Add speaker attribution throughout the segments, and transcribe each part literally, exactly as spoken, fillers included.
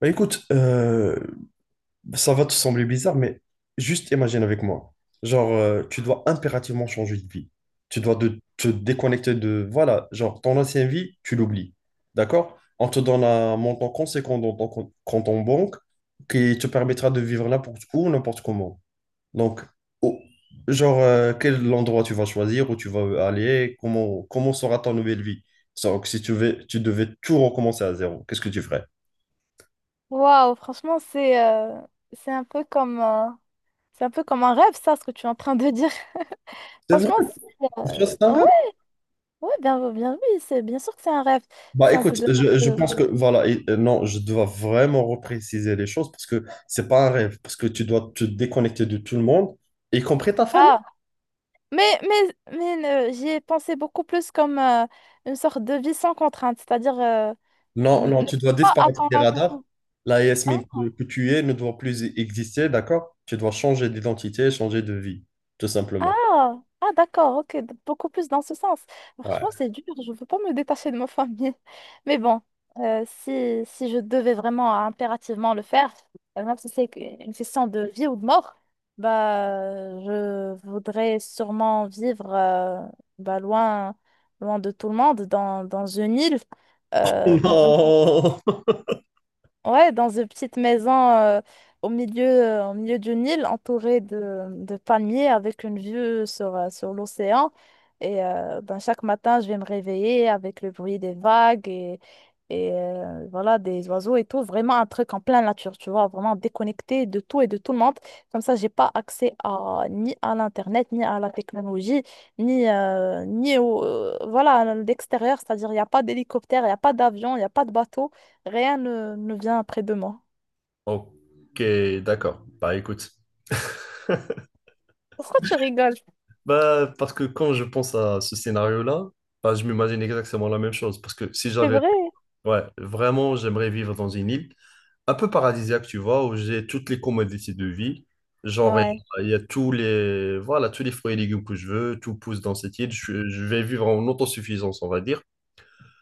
Speaker 1: Bah écoute, euh, ça va te sembler bizarre, mais juste imagine avec moi. Genre, euh, tu dois impérativement changer de vie. Tu dois de- te déconnecter de... Voilà, genre, ton ancienne vie, tu l'oublies. D'accord? On te donne un montant conséquent dans ton com- compte en banque qui te permettra de vivre n'importe où, n'importe comment. Donc, au- genre, euh, quel endroit tu vas choisir, où tu vas aller, comment, comment sera ta nouvelle vie? Donc, si tu veux, tu devais tout recommencer à zéro, qu'est-ce que tu ferais?
Speaker 2: Waouh, franchement, c'est euh, c'est un peu comme euh, c'est un peu comme un rêve, ça, ce que tu es en train de dire.
Speaker 1: C'est vrai,
Speaker 2: Franchement, c'est, euh,
Speaker 1: c'est un rêve.
Speaker 2: ouais, ouais, bien, bien, oui, c'est bien sûr que c'est un rêve.
Speaker 1: Bah
Speaker 2: Si on te
Speaker 1: écoute,
Speaker 2: demande,
Speaker 1: je, je
Speaker 2: de-
Speaker 1: pense que voilà, et- euh, non, je dois vraiment repréciser les choses parce que c'est pas un rêve, parce que tu dois te déconnecter de tout le monde, y compris ta famille.
Speaker 2: ah, mais mais mais euh, j'y ai pensé beaucoup plus comme euh, une sorte de vie sans contrainte, c'est-à-dire euh,
Speaker 1: Non,
Speaker 2: n-
Speaker 1: non,
Speaker 2: ne
Speaker 1: tu dois
Speaker 2: pas
Speaker 1: disparaître des
Speaker 2: attendre
Speaker 1: radars.
Speaker 2: l'attention.
Speaker 1: La Yasmine que, que tu es ne doit plus e-, exister, d'accord? Tu dois changer d'identité, changer de vie, tout simplement.
Speaker 2: Ah, ah d'accord, ok, d- beaucoup plus dans ce sens. Franchement,
Speaker 1: Ouais.
Speaker 2: c'est dur, je ne veux pas me détacher de ma famille. Mais bon, euh, si, si je devais vraiment impérativement le faire, euh, même si c'est que- une question de vie ou de mort, bah, je voudrais sûrement vivre euh, bah, loin, loin de tout le monde, dans, dans une île, euh, dans Ouais, dans une petite maison euh, au milieu, euh, au milieu d'une île entourée de, de palmiers avec une vue sur, euh, sur l'océan. Et euh, ben, chaque matin, je vais me réveiller avec le bruit des vagues et euh, voilà, des oiseaux et tout, vraiment un truc en pleine nature, tu vois, vraiment déconnecté de tout et de tout le monde. Comme ça, j'ai pas accès à, ni à l'Internet, ni à la technologie, ni, euh, ni au, euh, voilà, à l'extérieur, c'est-à-dire il n'y a pas d'hélicoptère, il n'y a pas d'avion, il n'y a pas de bateau, rien ne, ne vient près de moi.
Speaker 1: Non. Ok, d'accord. Bah écoute.
Speaker 2: Pourquoi tu rigoles?
Speaker 1: Bah parce que quand je pense à ce scénario-là, bah, je m'imagine exactement la même chose. Parce que si
Speaker 2: C'est
Speaker 1: j'avais
Speaker 2: vrai?
Speaker 1: ouais, vraiment, j'aimerais vivre dans une île un peu paradisiaque, tu vois, où j'ai toutes les commodités de vie. Genre, il y
Speaker 2: Ouais,
Speaker 1: a il y a tous les, voilà, tous les fruits et légumes que je veux, tout pousse dans cette île. Je, je vais vivre en autosuffisance, on va dire.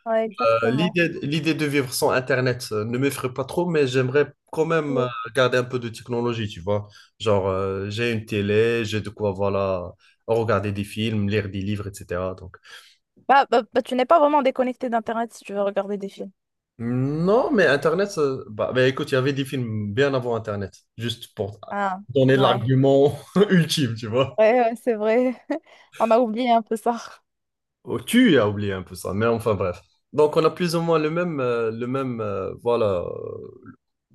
Speaker 2: ouais,
Speaker 1: Euh,
Speaker 2: exactement.
Speaker 1: l'idée, l'idée de vivre sans Internet euh, ne m'effraie pas trop, mais j'aimerais quand même euh,
Speaker 2: Oui.
Speaker 1: garder un peu de technologie, tu vois. Genre, euh, j'ai une télé, j'ai de quoi, voilà, regarder des films, lire des livres, et cetera.
Speaker 2: Bah, bah, bah, tu n'es pas vraiment déconnecté d'Internet si tu veux regarder des films.
Speaker 1: Non, mais Internet, ça- Bah, bah, écoute, il y avait des films bien avant Internet, juste pour
Speaker 2: Ah,
Speaker 1: donner
Speaker 2: ouais,
Speaker 1: l'argument ultime, tu
Speaker 2: ouais,
Speaker 1: vois.
Speaker 2: ouais, c'est vrai. On a oublié un peu ça.
Speaker 1: Oh, tu as oublié un peu ça, mais enfin bref. Donc on a plus ou moins le même, euh, le même, euh, voilà. euh,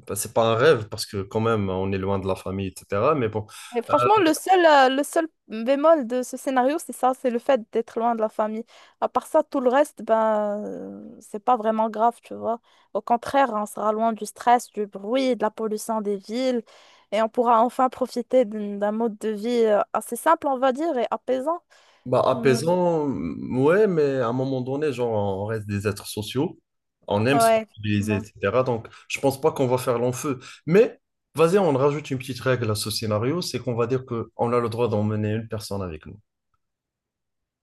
Speaker 1: Bah, c'est pas un rêve parce que quand même on est loin de la famille, et cetera. Mais bon,
Speaker 2: Mais franchement, le seul, euh, le seul bémol de ce scénario, c'est ça, c'est le fait d'être loin de la famille. À part ça, tout le reste, ben, euh, c'est pas vraiment grave, tu vois. Au contraire, on sera loin du stress, du bruit, de la pollution des villes, et on pourra enfin profiter d'un d'un mode de vie euh, assez simple, on va dire, et apaisant.
Speaker 1: bah,
Speaker 2: Mais
Speaker 1: apaisant, mm, ouais, mais à un moment donné, genre, on reste des êtres sociaux, on aime se
Speaker 2: ouais,
Speaker 1: mobiliser,
Speaker 2: effectivement.
Speaker 1: et cetera. Donc, je pense pas qu'on va faire long feu. Mais, vas-y, on rajoute une petite règle à ce scénario, c'est qu'on va dire que on a le droit d'emmener une personne avec nous.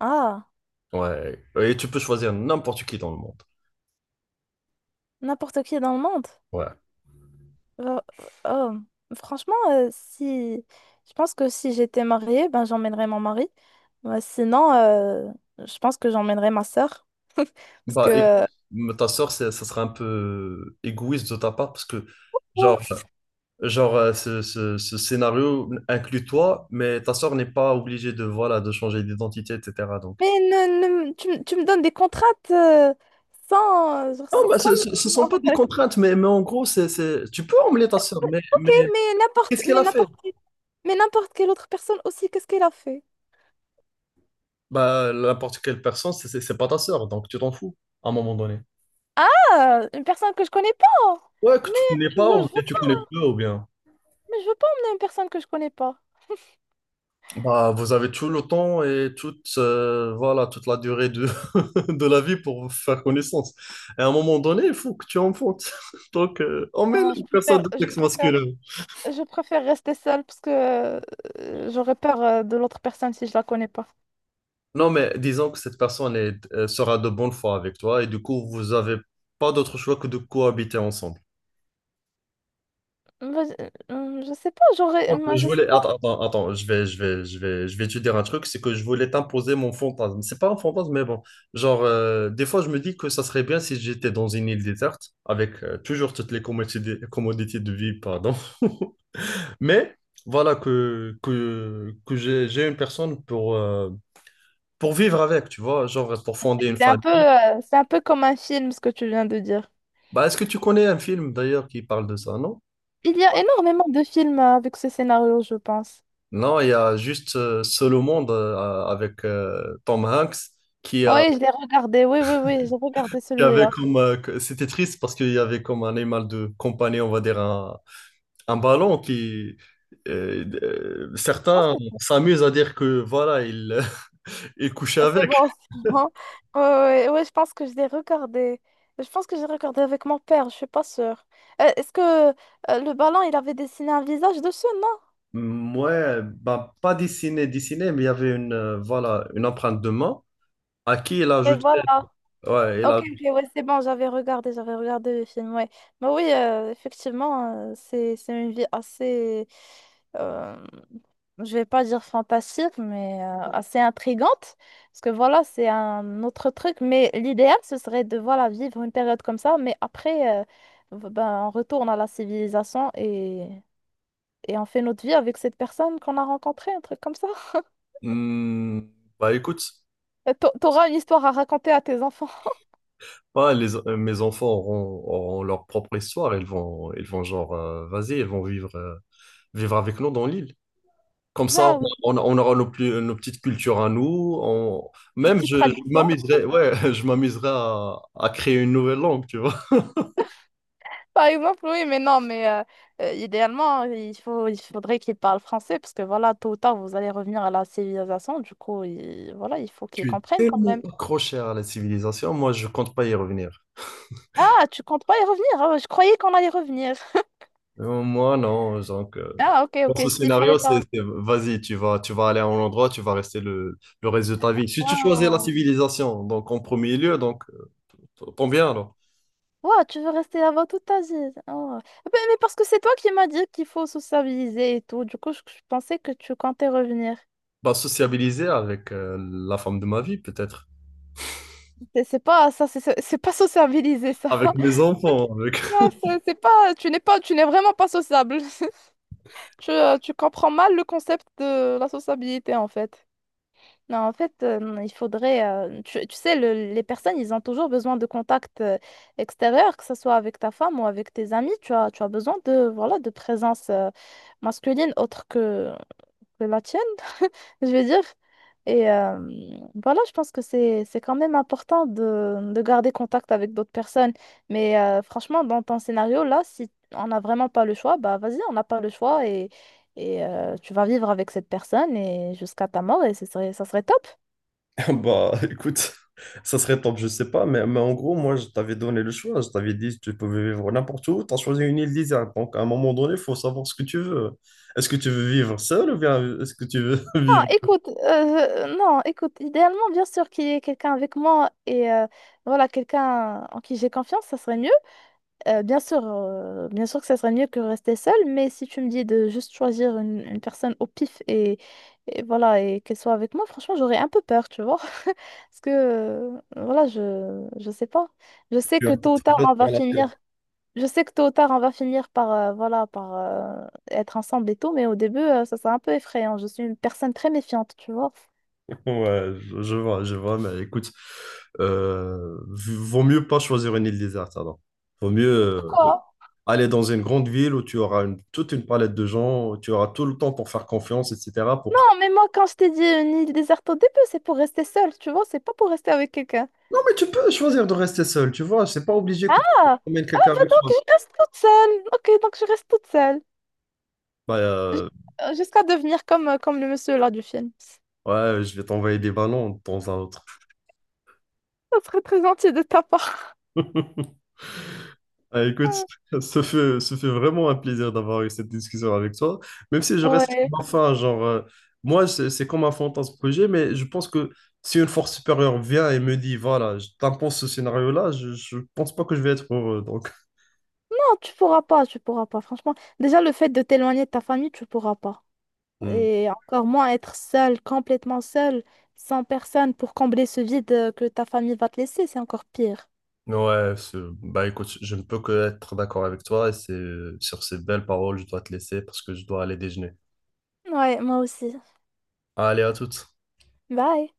Speaker 2: Ah,
Speaker 1: Ouais. Et tu peux choisir n'importe qui dans le monde.
Speaker 2: n'importe qui dans le monde.
Speaker 1: Ouais.
Speaker 2: Oh, oh. Franchement, euh, si je pense que si j'étais mariée, ben j'emmènerais mon mari. Ouais, sinon, euh, je pense que j'emmènerais ma sœur. Parce
Speaker 1: Bah, et,
Speaker 2: que
Speaker 1: mais ta sœur, c'est- ça sera un peu égoïste de ta part parce que,
Speaker 2: oh,
Speaker 1: genre, genre euh, ce, ce- ce scénario inclut toi, mais ta sœur n'est pas obligée de, voilà, de changer d'identité, et cetera.
Speaker 2: mais ne, ne- tu, me tu me donnes des contraintes euh, sans, genre,
Speaker 1: Non,
Speaker 2: sans,
Speaker 1: bah, ce
Speaker 2: sans me
Speaker 1: ne sont pas des
Speaker 2: dire,
Speaker 1: contraintes, mais, mais en gros, c'est, c'est- tu peux emmener ta sœur, mais,
Speaker 2: ok,
Speaker 1: mais
Speaker 2: mais n'importe
Speaker 1: qu'est-ce qu'elle
Speaker 2: mais
Speaker 1: a fait?
Speaker 2: n'importe mais n'importe quelle autre personne aussi, qu'est-ce qu'elle a fait?
Speaker 1: Bah, n'importe quelle personne, c'est c'est- c'est pas ta sœur, donc tu t'en fous à un moment donné.
Speaker 2: Ah, une personne que je connais pas.
Speaker 1: Ouais, que
Speaker 2: Mais
Speaker 1: tu connais
Speaker 2: je,
Speaker 1: pas, ou
Speaker 2: je
Speaker 1: bien
Speaker 2: veux
Speaker 1: tu
Speaker 2: pas,
Speaker 1: connais peu, ou bien.
Speaker 2: mais je veux pas emmener une personne que je connais pas.
Speaker 1: Bah, vous avez tout le temps et toute, euh, voilà, toute la durée de, de la vie pour vous faire connaissance. Et à un moment donné, il faut que tu enfantes. Donc, euh, emmène
Speaker 2: Ah, je
Speaker 1: une personne
Speaker 2: préfère,
Speaker 1: de
Speaker 2: je
Speaker 1: sexe
Speaker 2: préfère.
Speaker 1: masculin.
Speaker 2: Je préfère rester seule parce que euh, j'aurais peur euh, de l'autre personne si je la connais pas.
Speaker 1: Non, mais disons que cette personne est, euh, sera de bonne foi avec toi et du coup, vous avez pas d'autre choix que de cohabiter ensemble.
Speaker 2: Mais, euh, je sais pas, j'aurais, euh, moi,
Speaker 1: Je
Speaker 2: je sais
Speaker 1: voulais,
Speaker 2: pas.
Speaker 1: attends, attends, attends, je vais, je vais, je vais, je vais te dire un truc, c'est que je voulais t'imposer mon fantasme. C'est pas un fantasme, mais bon. Genre, euh, des fois, je me dis que ça serait bien si j'étais dans une île déserte, avec euh, toujours toutes les commodités, commodités de vie, pardon. Mais voilà que, que, que j'ai, j'ai une personne pour, euh, pour vivre avec, tu vois, genre pour fonder une
Speaker 2: C'est un peu,
Speaker 1: famille.
Speaker 2: euh, c'est un peu comme un film ce que tu viens de dire.
Speaker 1: Bah, est-ce que tu connais un film d'ailleurs qui parle de ça, non?
Speaker 2: Il y a énormément de films euh, avec ce scénario, je pense.
Speaker 1: Non, il y a juste euh, Seul au monde euh, avec euh, Tom Hanks qui a
Speaker 2: Oui, je l'ai regardé. Oui, oui, oui, j'ai regardé
Speaker 1: il y avait
Speaker 2: celui-là.
Speaker 1: comme, euh, que- c'était triste parce qu'il y avait comme un animal de compagnie, on va dire un, un ballon qui, euh, euh,
Speaker 2: Je pense
Speaker 1: certains
Speaker 2: que c'est
Speaker 1: s'amusent à dire que voilà, il, il couchait
Speaker 2: c'est
Speaker 1: avec.
Speaker 2: bon. C'est bon. Oui, oui, oui, je pense que je l'ai regardé. Je pense que j'ai regardé avec mon père, je suis pas sûre. Euh, Est-ce que euh, le ballon, il avait dessiné un visage dessus, non?
Speaker 1: Mm, ouais, bah, pas dessiné, dessiné, mais il y avait une, euh, voilà, une empreinte de main à qui il a
Speaker 2: Mais
Speaker 1: jeté.
Speaker 2: voilà.
Speaker 1: Ouais, il
Speaker 2: Ok,
Speaker 1: a.
Speaker 2: ok, ouais, c'est bon, j'avais regardé, j'avais regardé le film, ouais. Mais oui, euh, effectivement, euh, c'est, c'est une vie assez, euh, je vais pas dire fantastique, mais euh, assez intrigante, parce que voilà, c'est un autre truc, mais l'idéal, ce serait de, voilà, vivre une période comme ça, mais après, euh, v- ben, on retourne à la civilisation et, et on fait notre vie avec cette personne qu'on a rencontrée, un truc comme ça.
Speaker 1: Mm, bah écoute,
Speaker 2: Euh, t'a- T'auras une histoire à raconter à tes enfants.
Speaker 1: ouais, les, euh, mes enfants auront, auront leur propre histoire. Ils vont, ils vont genre, euh, vas-y, ils vont vivre, euh, vivre avec nous dans l'île. Comme ça,
Speaker 2: Ah, oui,
Speaker 1: on, on- on aura nos, plus- nos petites cultures à nous. On-
Speaker 2: une
Speaker 1: même,
Speaker 2: petite
Speaker 1: je, je
Speaker 2: tradition.
Speaker 1: m'amuserais, ouais, je m'amuserais à, à créer une nouvelle langue, tu vois.
Speaker 2: Par exemple, oui, mais non, mais euh, euh, idéalement, il faut, il faudrait qu'ils parlent français parce que voilà, tôt ou tard, vous allez revenir à la civilisation. Du coup, il, voilà, il faut qu'ils
Speaker 1: Je suis
Speaker 2: comprennent quand
Speaker 1: tellement
Speaker 2: même.
Speaker 1: accroché à la civilisation, moi, je compte pas y revenir.
Speaker 2: Ah, tu comptes pas y revenir? Ah, je croyais qu'on allait revenir.
Speaker 1: Euh, Moi, non. Donc, euh,
Speaker 2: Ah, ok,
Speaker 1: dans
Speaker 2: ok,
Speaker 1: ce
Speaker 2: s'il fallait
Speaker 1: scénario, c'est,
Speaker 2: pas.
Speaker 1: c'est- vas-y, tu vas, tu vas aller à un endroit, tu vas rester le, le reste de ta vie. Si tu choisis la
Speaker 2: Waouh,
Speaker 1: civilisation, donc en premier lieu, donc, euh, tant bien alors.
Speaker 2: waouh, tu veux rester là-bas toute ta vie. Oh. Ben, mais, parce que c'est toi qui m'as dit qu'il faut sociabiliser et tout. Du coup, je, je pensais que tu comptais revenir.
Speaker 1: Bah, sociabiliser avec euh, la femme de ma vie, peut-être.
Speaker 2: C'est c'est pas ça, c'est c'est pas sociabiliser ça.
Speaker 1: Avec mes enfants, avec...
Speaker 2: Non, c'est c'est pas, tu n'es pas, tu n'es vraiment pas sociable. Tu, euh, tu comprends mal le concept de la sociabilité en fait. Non, en fait, euh, il faudrait. euh, tu, tu sais, le- les personnes, ils ont toujours besoin de contact euh, extérieur, que ce soit avec ta femme ou avec tes amis. Tu as, tu as besoin de, voilà, de présence euh, masculine autre que que la tienne, je veux dire. Et euh, voilà, je pense que c'est c'est quand même important de, de garder contact avec d'autres personnes. Mais euh, franchement, dans ton scénario, là, si on n'a vraiment pas le choix, bah vas-y, on n'a pas le choix et, et euh, tu vas vivre avec cette personne et jusqu'à ta mort et ce serait, ça serait top.
Speaker 1: Bah, écoute, ça serait top, je sais pas, mais, mais en gros, moi, je t'avais donné le choix. Je t'avais dit, tu pouvais vivre n'importe où. Tu as choisi une île déserte. Donc, à un moment donné, il faut savoir ce que tu veux. Est-ce que tu veux vivre seul ou bien est-ce que tu veux
Speaker 2: Ah,
Speaker 1: vivre
Speaker 2: écoute, euh, non, écoute, idéalement, bien sûr qu'il y ait quelqu'un avec moi et euh, voilà, quelqu'un en qui j'ai confiance, ça serait mieux. Euh, bien sûr, euh, bien sûr que ça serait mieux que rester seul, mais si tu me dis de juste choisir une, une personne au pif et, et voilà et qu'elle soit avec moi, franchement, j'aurais un peu peur, tu vois. Parce que euh, voilà, je je sais pas. Je sais
Speaker 1: tu as
Speaker 2: que tôt ou
Speaker 1: une
Speaker 2: tard
Speaker 1: autre
Speaker 2: on va
Speaker 1: relation
Speaker 2: finir. Je sais que tôt ou tard on va finir par euh, voilà par euh, être ensemble et tout, mais au début euh, ça sera un peu effrayant. Je suis une personne très méfiante, tu vois.
Speaker 1: ouais, je, je vois, je vois, mais écoute, euh, v- vaut mieux pas choisir une île déserte alors. Vaut mieux euh,
Speaker 2: Pourquoi?
Speaker 1: aller dans une grande ville où tu auras une- toute une palette de gens, où tu auras tout le temps pour faire confiance, et cetera, pour,
Speaker 2: Non, mais moi quand je t'ai dit une île déserte au début, c'est pour rester seule, tu vois, c'est pas pour rester avec quelqu'un.
Speaker 1: non, mais tu peux choisir de rester seul, tu vois. C'est pas obligé que tu
Speaker 2: Ah,
Speaker 1: emmènes
Speaker 2: Euh,
Speaker 1: quelqu'un avec
Speaker 2: donc,
Speaker 1: toi.
Speaker 2: je reste toute seule. Ok, donc je reste toute seule.
Speaker 1: Bah,
Speaker 2: J-
Speaker 1: euh,
Speaker 2: euh, Jusqu'à devenir comme, euh, comme le monsieur là du film.
Speaker 1: ouais, je vais t'envoyer des ballons de temps à autre.
Speaker 2: Ça serait très gentil de ta part.
Speaker 1: Ah, écoute, ça fait, ça fait vraiment un plaisir d'avoir eu cette discussion avec toi. Même si je reste
Speaker 2: Ouais.
Speaker 1: enfin, genre, euh, moi, c'est c'est comme un fantasme que j'ai, mais je pense que si une force supérieure vient et me dit, voilà, je t'impose ce scénario-là, je, je pense pas que je vais être heureux. Donc,
Speaker 2: Non, tu pourras pas, tu pourras pas. Franchement, déjà le fait de t'éloigner de ta famille, tu pourras pas.
Speaker 1: hmm.
Speaker 2: Et encore moins être seule, complètement seule, sans personne pour combler ce vide euh, que ta famille va te laisser, c'est encore pire.
Speaker 1: Ouais, c'est- Bah écoute, je ne peux que être d'accord avec toi et c'est sur ces belles paroles, je dois te laisser parce que je dois aller déjeuner.
Speaker 2: Ouais, moi aussi.
Speaker 1: Allez, à toutes.
Speaker 2: Bye.